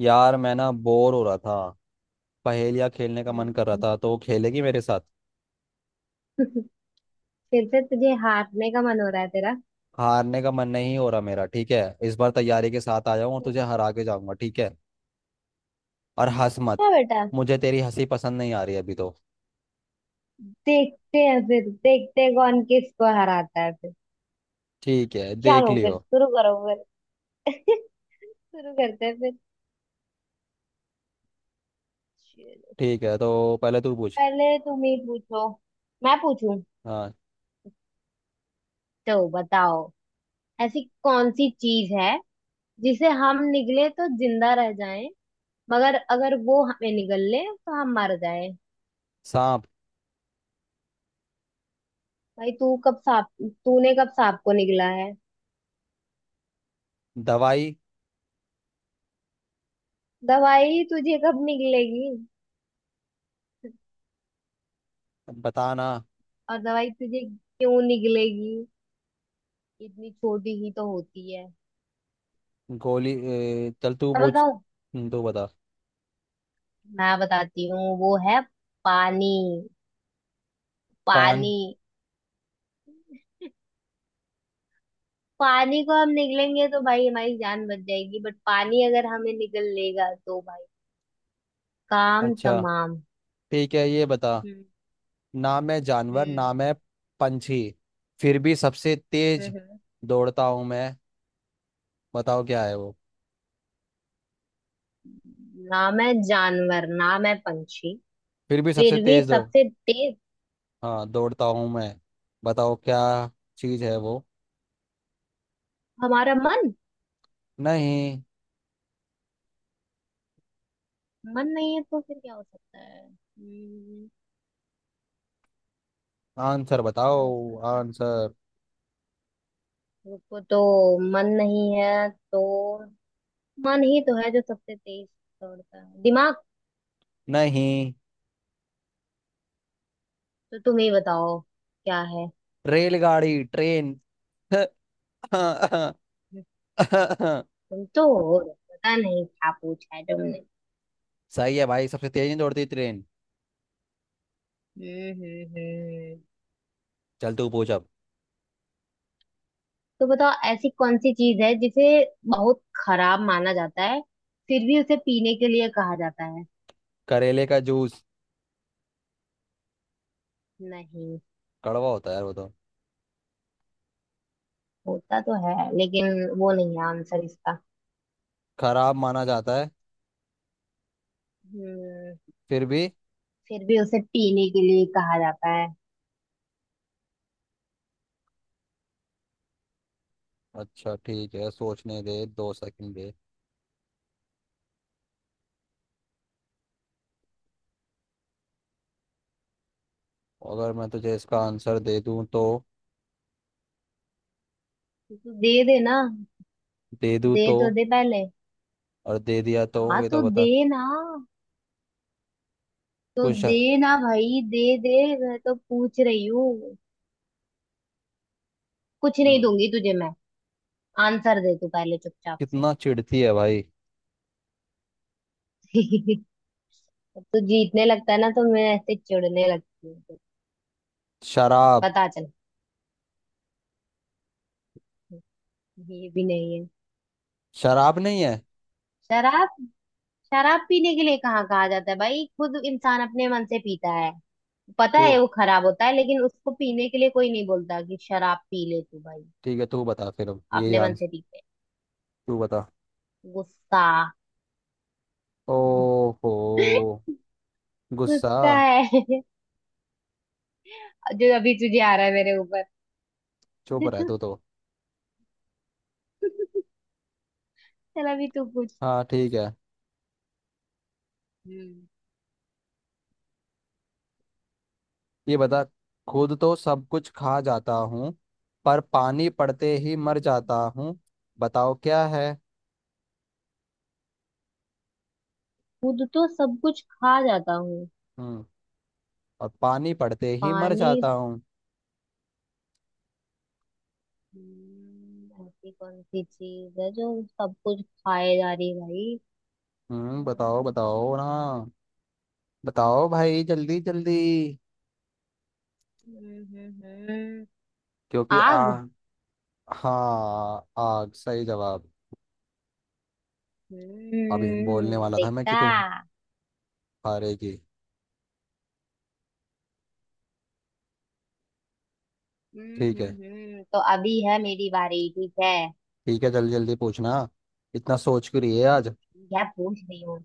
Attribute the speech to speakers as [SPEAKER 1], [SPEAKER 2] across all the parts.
[SPEAKER 1] यार मैं ना बोर हो रहा था। पहेलियाँ खेलने का मन कर रहा
[SPEAKER 2] हम्म।
[SPEAKER 1] था, तो खेलेगी मेरे साथ?
[SPEAKER 2] फिर से तुझे हारने का मन हो रहा है तेरा।
[SPEAKER 1] हारने का मन नहीं हो रहा मेरा, ठीक है। इस बार तैयारी के साथ आया हूँ और
[SPEAKER 2] हम्म।
[SPEAKER 1] तुझे हरा के जाऊंगा, ठीक है। और हंस मत।
[SPEAKER 2] अच्छा बेटा।
[SPEAKER 1] मुझे तेरी हंसी पसंद नहीं आ रही अभी तो।
[SPEAKER 2] देखते हैं, फिर देखते हैं कौन किसको हराता है फिर।
[SPEAKER 1] ठीक है, देख
[SPEAKER 2] चलो फिर,
[SPEAKER 1] लियो।
[SPEAKER 2] शुरू करो फिर। शुरू करते हैं फिर। चलो।
[SPEAKER 1] ठीक है, तो पहले तू पूछ।
[SPEAKER 2] पहले तुम ही पूछो। मैं पूछूं?
[SPEAKER 1] हाँ।
[SPEAKER 2] तो बताओ, ऐसी कौन सी चीज है जिसे हम निगले तो जिंदा रह जाएं, मगर अगर वो हमें निगल ले तो हम मर जाएं?
[SPEAKER 1] सांप।
[SPEAKER 2] भाई, तू कब सांप? तूने कब सांप को निगला है?
[SPEAKER 1] दवाई।
[SPEAKER 2] दवाई तुझे कब निकलेगी?
[SPEAKER 1] बताना।
[SPEAKER 2] और दवाई तुझे क्यों निकलेगी? इतनी छोटी ही तो होती है।
[SPEAKER 1] गोली ए, चल तू
[SPEAKER 2] मैं
[SPEAKER 1] पूछ।
[SPEAKER 2] बताऊं?
[SPEAKER 1] तू बता।
[SPEAKER 2] मैं बताती हूँ, वो है पानी।
[SPEAKER 1] पान।
[SPEAKER 2] पानी। पानी को हम निकलेंगे तो भाई हमारी जान बच जाएगी, बट पानी अगर हमें निकल लेगा तो भाई काम
[SPEAKER 1] अच्छा।
[SPEAKER 2] तमाम।
[SPEAKER 1] ठीक है ये बता।
[SPEAKER 2] हम्म,
[SPEAKER 1] ना मैं जानवर,
[SPEAKER 2] हम्म,
[SPEAKER 1] ना मैं पंछी, फिर भी सबसे तेज
[SPEAKER 2] हम्म।
[SPEAKER 1] दौड़ता हूँ मैं। बताओ क्या है वो।
[SPEAKER 2] ना मैं जानवर, ना मैं पंछी,
[SPEAKER 1] फिर भी सबसे
[SPEAKER 2] फिर भी
[SPEAKER 1] तेज दौड़।
[SPEAKER 2] सबसे तेज?
[SPEAKER 1] हाँ, दौड़ता हूँ मैं। बताओ क्या चीज है वो।
[SPEAKER 2] हमारा मन।
[SPEAKER 1] नहीं।
[SPEAKER 2] मन नहीं है तो फिर क्या हो सकता है?
[SPEAKER 1] आंसर बताओ,
[SPEAKER 2] ऐसा क्या?
[SPEAKER 1] आंसर।
[SPEAKER 2] रुको तो। मन नहीं है तो? मन ही तो है जो सबसे तेज दौड़ता है, दिमाग।
[SPEAKER 1] नहीं।
[SPEAKER 2] तो तुम ही बताओ क्या है।
[SPEAKER 1] रेलगाड़ी, ट्रेन।
[SPEAKER 2] तुम तो हो, पता नहीं क्या पूछा है तुमने।
[SPEAKER 1] सही है भाई, सबसे तेज नहीं दौड़ती ट्रेन।
[SPEAKER 2] हम्म, हम्म,
[SPEAKER 1] चल तू पूछ अब।
[SPEAKER 2] तो बताओ, ऐसी कौन सी चीज है जिसे बहुत खराब माना जाता है, फिर भी उसे पीने के लिए कहा जाता है?
[SPEAKER 1] करेले का जूस।
[SPEAKER 2] नहीं।
[SPEAKER 1] कड़वा होता है यार वो तो।
[SPEAKER 2] होता तो है लेकिन वो नहीं है आंसर इसका।
[SPEAKER 1] खराब माना जाता है,
[SPEAKER 2] हम्म।
[SPEAKER 1] फिर भी।
[SPEAKER 2] फिर भी उसे पीने के लिए कहा जाता है।
[SPEAKER 1] अच्छा ठीक है, सोचने दे, दो सेकंड दे। अगर मैं तुझे इसका आंसर दे दूं तो?
[SPEAKER 2] तो दे देना।
[SPEAKER 1] दे दूं
[SPEAKER 2] दे
[SPEAKER 1] तो?
[SPEAKER 2] तो दे पहले।
[SPEAKER 1] और दे दिया तो
[SPEAKER 2] हाँ,
[SPEAKER 1] ये
[SPEAKER 2] तो
[SPEAKER 1] तो बता।
[SPEAKER 2] दे ना। तो
[SPEAKER 1] कुछ।
[SPEAKER 2] दे ना भाई, दे दे। मैं तो पूछ रही हूँ। कुछ नहीं
[SPEAKER 1] हम्म,
[SPEAKER 2] दूंगी तुझे मैं। आंसर दे तू पहले चुपचाप से।
[SPEAKER 1] कितना चिढ़ती है भाई।
[SPEAKER 2] अब तू जीतने लगता है ना तो मैं ऐसे चिढ़ने लगती हूँ।
[SPEAKER 1] शराब।
[SPEAKER 2] पता चल। ये भी नहीं है।
[SPEAKER 1] शराब नहीं है।
[SPEAKER 2] शराब? शराब पीने के लिए कहाँ कहा जाता है भाई, खुद इंसान अपने मन से पीता है। पता
[SPEAKER 1] तू
[SPEAKER 2] है वो खराब होता है लेकिन उसको पीने के लिए कोई नहीं बोलता कि शराब पी ले तू भाई।
[SPEAKER 1] ठीक है, तू बता फिर, अब यही
[SPEAKER 2] अपने मन
[SPEAKER 1] आंसर।
[SPEAKER 2] से पीते।
[SPEAKER 1] तू बता।
[SPEAKER 2] गुस्सा।
[SPEAKER 1] ओहो। गुस्सा।
[SPEAKER 2] गुस्सा है। जो अभी तुझे आ रहा है मेरे ऊपर।
[SPEAKER 1] चुप रह तू तो।
[SPEAKER 2] चल, अभी तू पूछ।
[SPEAKER 1] हाँ ठीक है,
[SPEAKER 2] हम्म।
[SPEAKER 1] ये बता। खुद तो सब कुछ खा जाता हूँ, पर पानी पड़ते ही मर
[SPEAKER 2] हम्म,
[SPEAKER 1] जाता हूँ। बताओ क्या है।
[SPEAKER 2] खुद तो सब कुछ खा जाता हूँ।
[SPEAKER 1] हम्म। और पानी पड़ते ही मर
[SPEAKER 2] पानी।
[SPEAKER 1] जाता हूँ।
[SPEAKER 2] ऐसी कौन सी चीज है जो सब कुछ खाए जा रही है भाई?
[SPEAKER 1] हम्म, बताओ,
[SPEAKER 2] हम्म,
[SPEAKER 1] बताओ ना। बताओ भाई, जल्दी जल्दी।
[SPEAKER 2] हम्म।
[SPEAKER 1] क्योंकि आ।
[SPEAKER 2] आग?
[SPEAKER 1] हाँ, आग, सही जवाब। अभी बोलने
[SPEAKER 2] हम्म,
[SPEAKER 1] वाला था मैं कि तू
[SPEAKER 2] देखा।
[SPEAKER 1] हारेगी। ठीक है।
[SPEAKER 2] तो अभी है मेरी बारी, ठीक है।
[SPEAKER 1] ठीक है, जल्दी जल्दी पूछना। इतना सोच क्यों रही है आज।
[SPEAKER 2] क्या पूछ रही हो?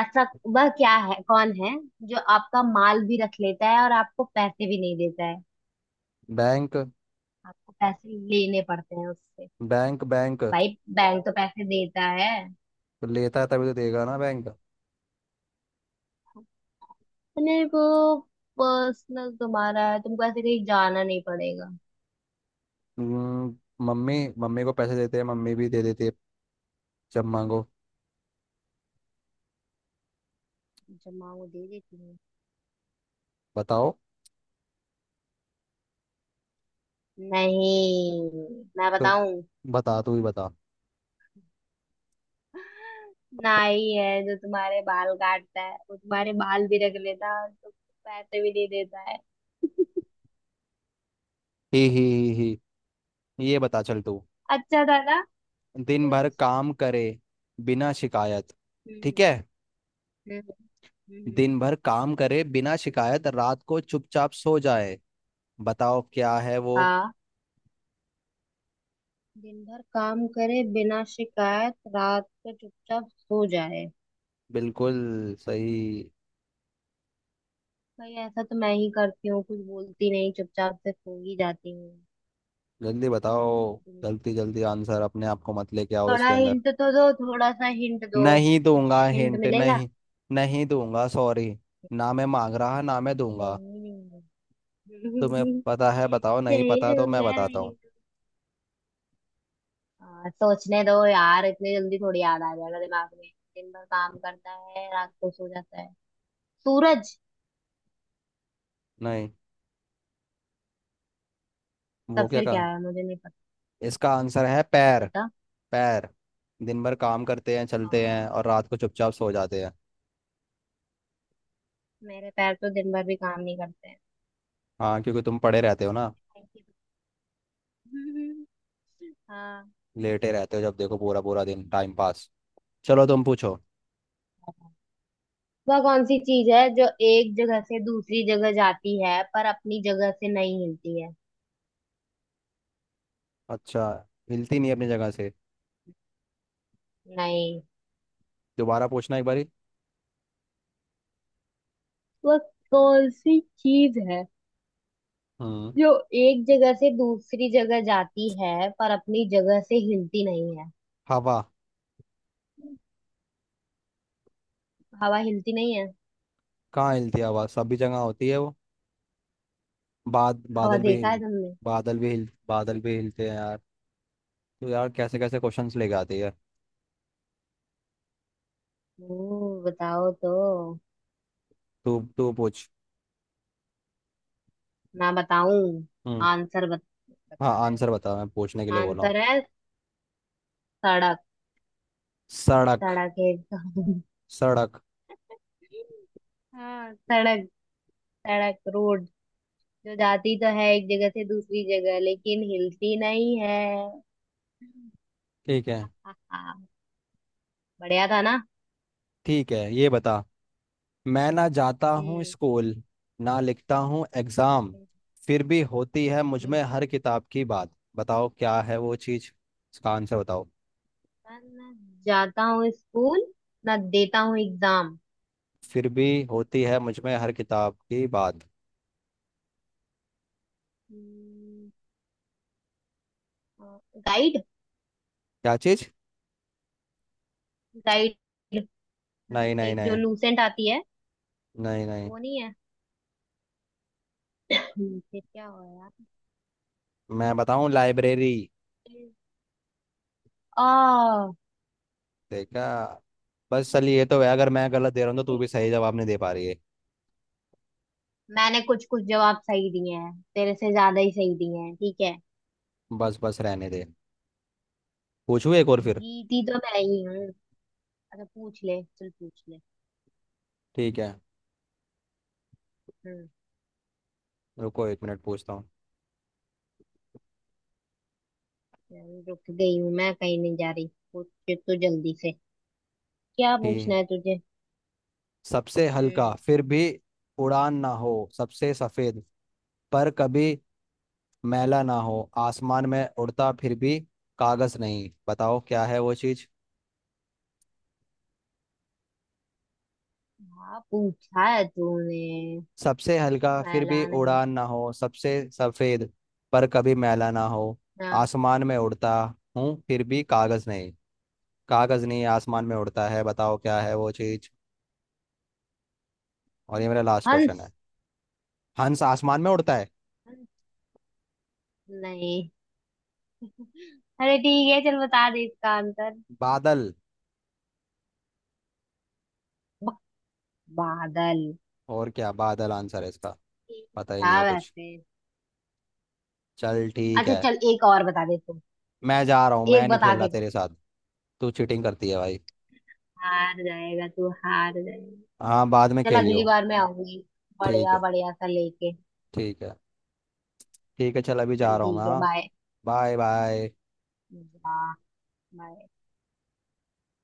[SPEAKER 2] ऐसा, वह क्या है, कौन है जो आपका माल भी रख लेता है और आपको पैसे भी नहीं देता है?
[SPEAKER 1] बैंक।
[SPEAKER 2] आपको पैसे लेने पड़ते हैं उससे।
[SPEAKER 1] बैंक।
[SPEAKER 2] भाई, बैंक तो पैसे देता है।
[SPEAKER 1] तो लेता है तभी तो देगा ना बैंक।
[SPEAKER 2] नहीं, वो पर्सनल तुम्हारा है, तुमको ऐसे कहीं जाना नहीं पड़ेगा।
[SPEAKER 1] हम्म, मम्मी मम्मी को पैसे देते हैं, मम्मी भी दे देती है जब मांगो।
[SPEAKER 2] जमा वो दे देती है।
[SPEAKER 1] बताओ।
[SPEAKER 2] नहीं, मैं
[SPEAKER 1] तो
[SPEAKER 2] बताऊं।
[SPEAKER 1] बता, तू ही बता।
[SPEAKER 2] नाई है जो तुम्हारे बाल काटता है, वो तुम्हारे बाल भी रख लेता है और तुमको पैसे भी नहीं देता है।
[SPEAKER 1] ही ही। ही ही। ये बता, चल तू।
[SPEAKER 2] अच्छा था ना?
[SPEAKER 1] दिन भर
[SPEAKER 2] कुछ।
[SPEAKER 1] काम करे बिना शिकायत। ठीक
[SPEAKER 2] हम्म,
[SPEAKER 1] है।
[SPEAKER 2] हम्म, हम्म,
[SPEAKER 1] दिन भर काम करे बिना शिकायत, रात को चुपचाप सो जाए। बताओ क्या है वो।
[SPEAKER 2] हाँ, दिन भर काम करे बिना शिकायत, रात को चुपचाप सो जाए।
[SPEAKER 1] बिल्कुल सही।
[SPEAKER 2] भाई ऐसा तो मैं ही करती हूँ, कुछ बोलती नहीं चुपचाप से सो ही जाती हूँ।
[SPEAKER 1] जल्दी बताओ। जल्दी जल्दी आंसर, अपने आप को मत लेके आओ
[SPEAKER 2] थोड़ा
[SPEAKER 1] इसके अंदर।
[SPEAKER 2] हिंट तो दो, थोड़ा सा हिंट दो।
[SPEAKER 1] नहीं दूंगा
[SPEAKER 2] कुछ हिंट
[SPEAKER 1] हिंट,
[SPEAKER 2] मिलेगा?
[SPEAKER 1] नहीं। नहीं दूंगा, सॉरी। ना मैं मांग रहा, ना मैं दूंगा।
[SPEAKER 2] नहीं, नहीं।
[SPEAKER 1] तुम्हें पता है बताओ, नहीं
[SPEAKER 2] नहीं
[SPEAKER 1] पता तो मैं
[SPEAKER 2] दूंगा,
[SPEAKER 1] बताता
[SPEAKER 2] नहीं
[SPEAKER 1] हूँ।
[SPEAKER 2] दूंगा। सोचने दो यार, इतनी जल्दी थोड़ी याद आ जाएगा दिमाग में। दिन भर काम करता है, रात को सो जाता है, सूरज।
[SPEAKER 1] नहीं, वो
[SPEAKER 2] तब
[SPEAKER 1] क्या
[SPEAKER 2] फिर क्या
[SPEAKER 1] कहा।
[SPEAKER 2] है, मुझे नहीं पता।
[SPEAKER 1] इसका आंसर है पैर।
[SPEAKER 2] बता।
[SPEAKER 1] पैर। दिन भर काम करते हैं,
[SPEAKER 2] आ,
[SPEAKER 1] चलते हैं, और रात को चुपचाप सो जाते हैं।
[SPEAKER 2] मेरे पैर तो दिन भर भी काम नहीं करते हैं।
[SPEAKER 1] हाँ, क्योंकि तुम पड़े रहते हो ना,
[SPEAKER 2] हाँ।
[SPEAKER 1] लेटे रहते हो जब देखो, पूरा पूरा दिन टाइम पास। चलो तुम पूछो।
[SPEAKER 2] वह कौन सी चीज है जो एक जगह से दूसरी जगह जाती है पर अपनी जगह से नहीं हिलती है?
[SPEAKER 1] अच्छा, हिलती नहीं अपनी जगह से।
[SPEAKER 2] नहीं।
[SPEAKER 1] दोबारा पूछना एक बारी।
[SPEAKER 2] वह कौन सी चीज है
[SPEAKER 1] हम्म।
[SPEAKER 2] जो एक जगह से दूसरी जगह जाती है पर अपनी जगह से हिलती नहीं है?
[SPEAKER 1] हवा।
[SPEAKER 2] हवा हिलती नहीं है?
[SPEAKER 1] कहाँ हिलती है हवा, सभी जगह होती है वो।
[SPEAKER 2] हवा
[SPEAKER 1] बादल भी।
[SPEAKER 2] देखा है तुमने?
[SPEAKER 1] बादल भी हिल बादल भी हिलते हैं यार। तो यार, कैसे कैसे क्वेश्चंस लेके आती है।
[SPEAKER 2] ओ, बताओ तो।
[SPEAKER 1] तू तू पूछ।
[SPEAKER 2] मैं बताऊं?
[SPEAKER 1] हम्म।
[SPEAKER 2] आंसर बत,
[SPEAKER 1] हाँ
[SPEAKER 2] बताना है।
[SPEAKER 1] आंसर बता, मैं पूछने के लिए बोल रहा हूँ।
[SPEAKER 2] आंसर है सड़क।
[SPEAKER 1] सड़क।
[SPEAKER 2] सड़क है।
[SPEAKER 1] सड़क।
[SPEAKER 2] हाँ, सड़क। सड़क, रोड। जो जाती तो है एक जगह से दूसरी जगह लेकिन हिलती नहीं है।
[SPEAKER 1] ठीक है।
[SPEAKER 2] हा, बढ़िया था ना?
[SPEAKER 1] ठीक है, ये बता। मैं ना जाता हूँ
[SPEAKER 2] हम्म,
[SPEAKER 1] स्कूल, ना लिखता हूँ एग्जाम,
[SPEAKER 2] हम्म,
[SPEAKER 1] फिर भी होती है मुझ में
[SPEAKER 2] हम्म।
[SPEAKER 1] हर किताब की बात। बताओ क्या है वो चीज। इसका आंसर बताओ।
[SPEAKER 2] पर ना जाता हूँ स्कूल, ना देता हूँ एग्जाम।
[SPEAKER 1] फिर भी होती है मुझ में हर किताब की बात।
[SPEAKER 2] हम्म, गाइड।
[SPEAKER 1] क्या चीज?
[SPEAKER 2] गाइड,
[SPEAKER 1] नहीं नहीं
[SPEAKER 2] एक जो
[SPEAKER 1] नहीं
[SPEAKER 2] लूसेंट आती है।
[SPEAKER 1] नहीं, नहीं।
[SPEAKER 2] वो नहीं है? फिर क्या हुआ?
[SPEAKER 1] मैं बताऊँ, लाइब्रेरी।
[SPEAKER 2] यार। आ
[SPEAKER 1] देखा। बस चल, ये तो है, अगर मैं गलत दे रहा हूँ तो तू भी सही जवाब नहीं दे पा रही है।
[SPEAKER 2] मैंने कुछ कुछ जवाब सही दिए हैं, तेरे से ज्यादा ही सही दिए हैं, ठीक है।
[SPEAKER 1] बस बस रहने दे। पूछू एक और फिर।
[SPEAKER 2] जीती तो मैं ही हूँ। अच्छा पूछ ले, चल पूछ ले।
[SPEAKER 1] ठीक है।
[SPEAKER 2] हम्म।
[SPEAKER 1] रुको एक मिनट, पूछता हूँ।
[SPEAKER 2] चल, रुक गई हूँ मैं, कहीं नहीं जा रही। पूछ तो जल्दी से। क्या पूछना
[SPEAKER 1] ठीक।
[SPEAKER 2] है तुझे?
[SPEAKER 1] सबसे हल्का
[SPEAKER 2] हम्म।
[SPEAKER 1] फिर भी उड़ान ना हो, सबसे सफेद पर कभी मैला ना हो, आसमान में उड़ता फिर भी कागज नहीं। बताओ क्या है वो चीज।
[SPEAKER 2] हाँ, पूछा है तूने।
[SPEAKER 1] सबसे हल्का फिर भी
[SPEAKER 2] लाला नहीं।
[SPEAKER 1] उड़ान ना हो, सबसे सफेद पर कभी मैला ना हो,
[SPEAKER 2] हाँ।
[SPEAKER 1] आसमान में उड़ता हूँ फिर भी कागज नहीं। कागज नहीं, आसमान में उड़ता है, बताओ क्या है वो चीज। और ये मेरा लास्ट क्वेश्चन है।
[SPEAKER 2] हंस।
[SPEAKER 1] हंस आसमान में उड़ता है।
[SPEAKER 2] हंस? नहीं। अरे ठीक है, चल बता दे इसका आंसर।
[SPEAKER 1] बादल।
[SPEAKER 2] ब- बादल।
[SPEAKER 1] और क्या, बादल आंसर है इसका।
[SPEAKER 2] ठीक
[SPEAKER 1] पता ही नहीं
[SPEAKER 2] था
[SPEAKER 1] है कुछ।
[SPEAKER 2] वैसे।
[SPEAKER 1] चल ठीक
[SPEAKER 2] अच्छा
[SPEAKER 1] है।
[SPEAKER 2] चल, एक और बता दे तू।
[SPEAKER 1] मैं जा रहा हूँ, मैं
[SPEAKER 2] एक
[SPEAKER 1] नहीं
[SPEAKER 2] बता
[SPEAKER 1] खेल रहा
[SPEAKER 2] के जा।
[SPEAKER 1] तेरे साथ। तू चीटिंग करती है भाई।
[SPEAKER 2] हार जाएगा तू, हार जाएगा।
[SPEAKER 1] हाँ बाद में
[SPEAKER 2] चल अगली
[SPEAKER 1] खेलियो।
[SPEAKER 2] बार मैं आऊंगी,
[SPEAKER 1] ठीक
[SPEAKER 2] बढ़िया
[SPEAKER 1] है,
[SPEAKER 2] बढ़िया सा लेके।
[SPEAKER 1] ठीक है। ठीक है, चल अभी जा
[SPEAKER 2] चल
[SPEAKER 1] रहा हूँ मैं,
[SPEAKER 2] ठीक है,
[SPEAKER 1] हाँ।
[SPEAKER 2] Bye.
[SPEAKER 1] Bye bye.
[SPEAKER 2] Bye. Right।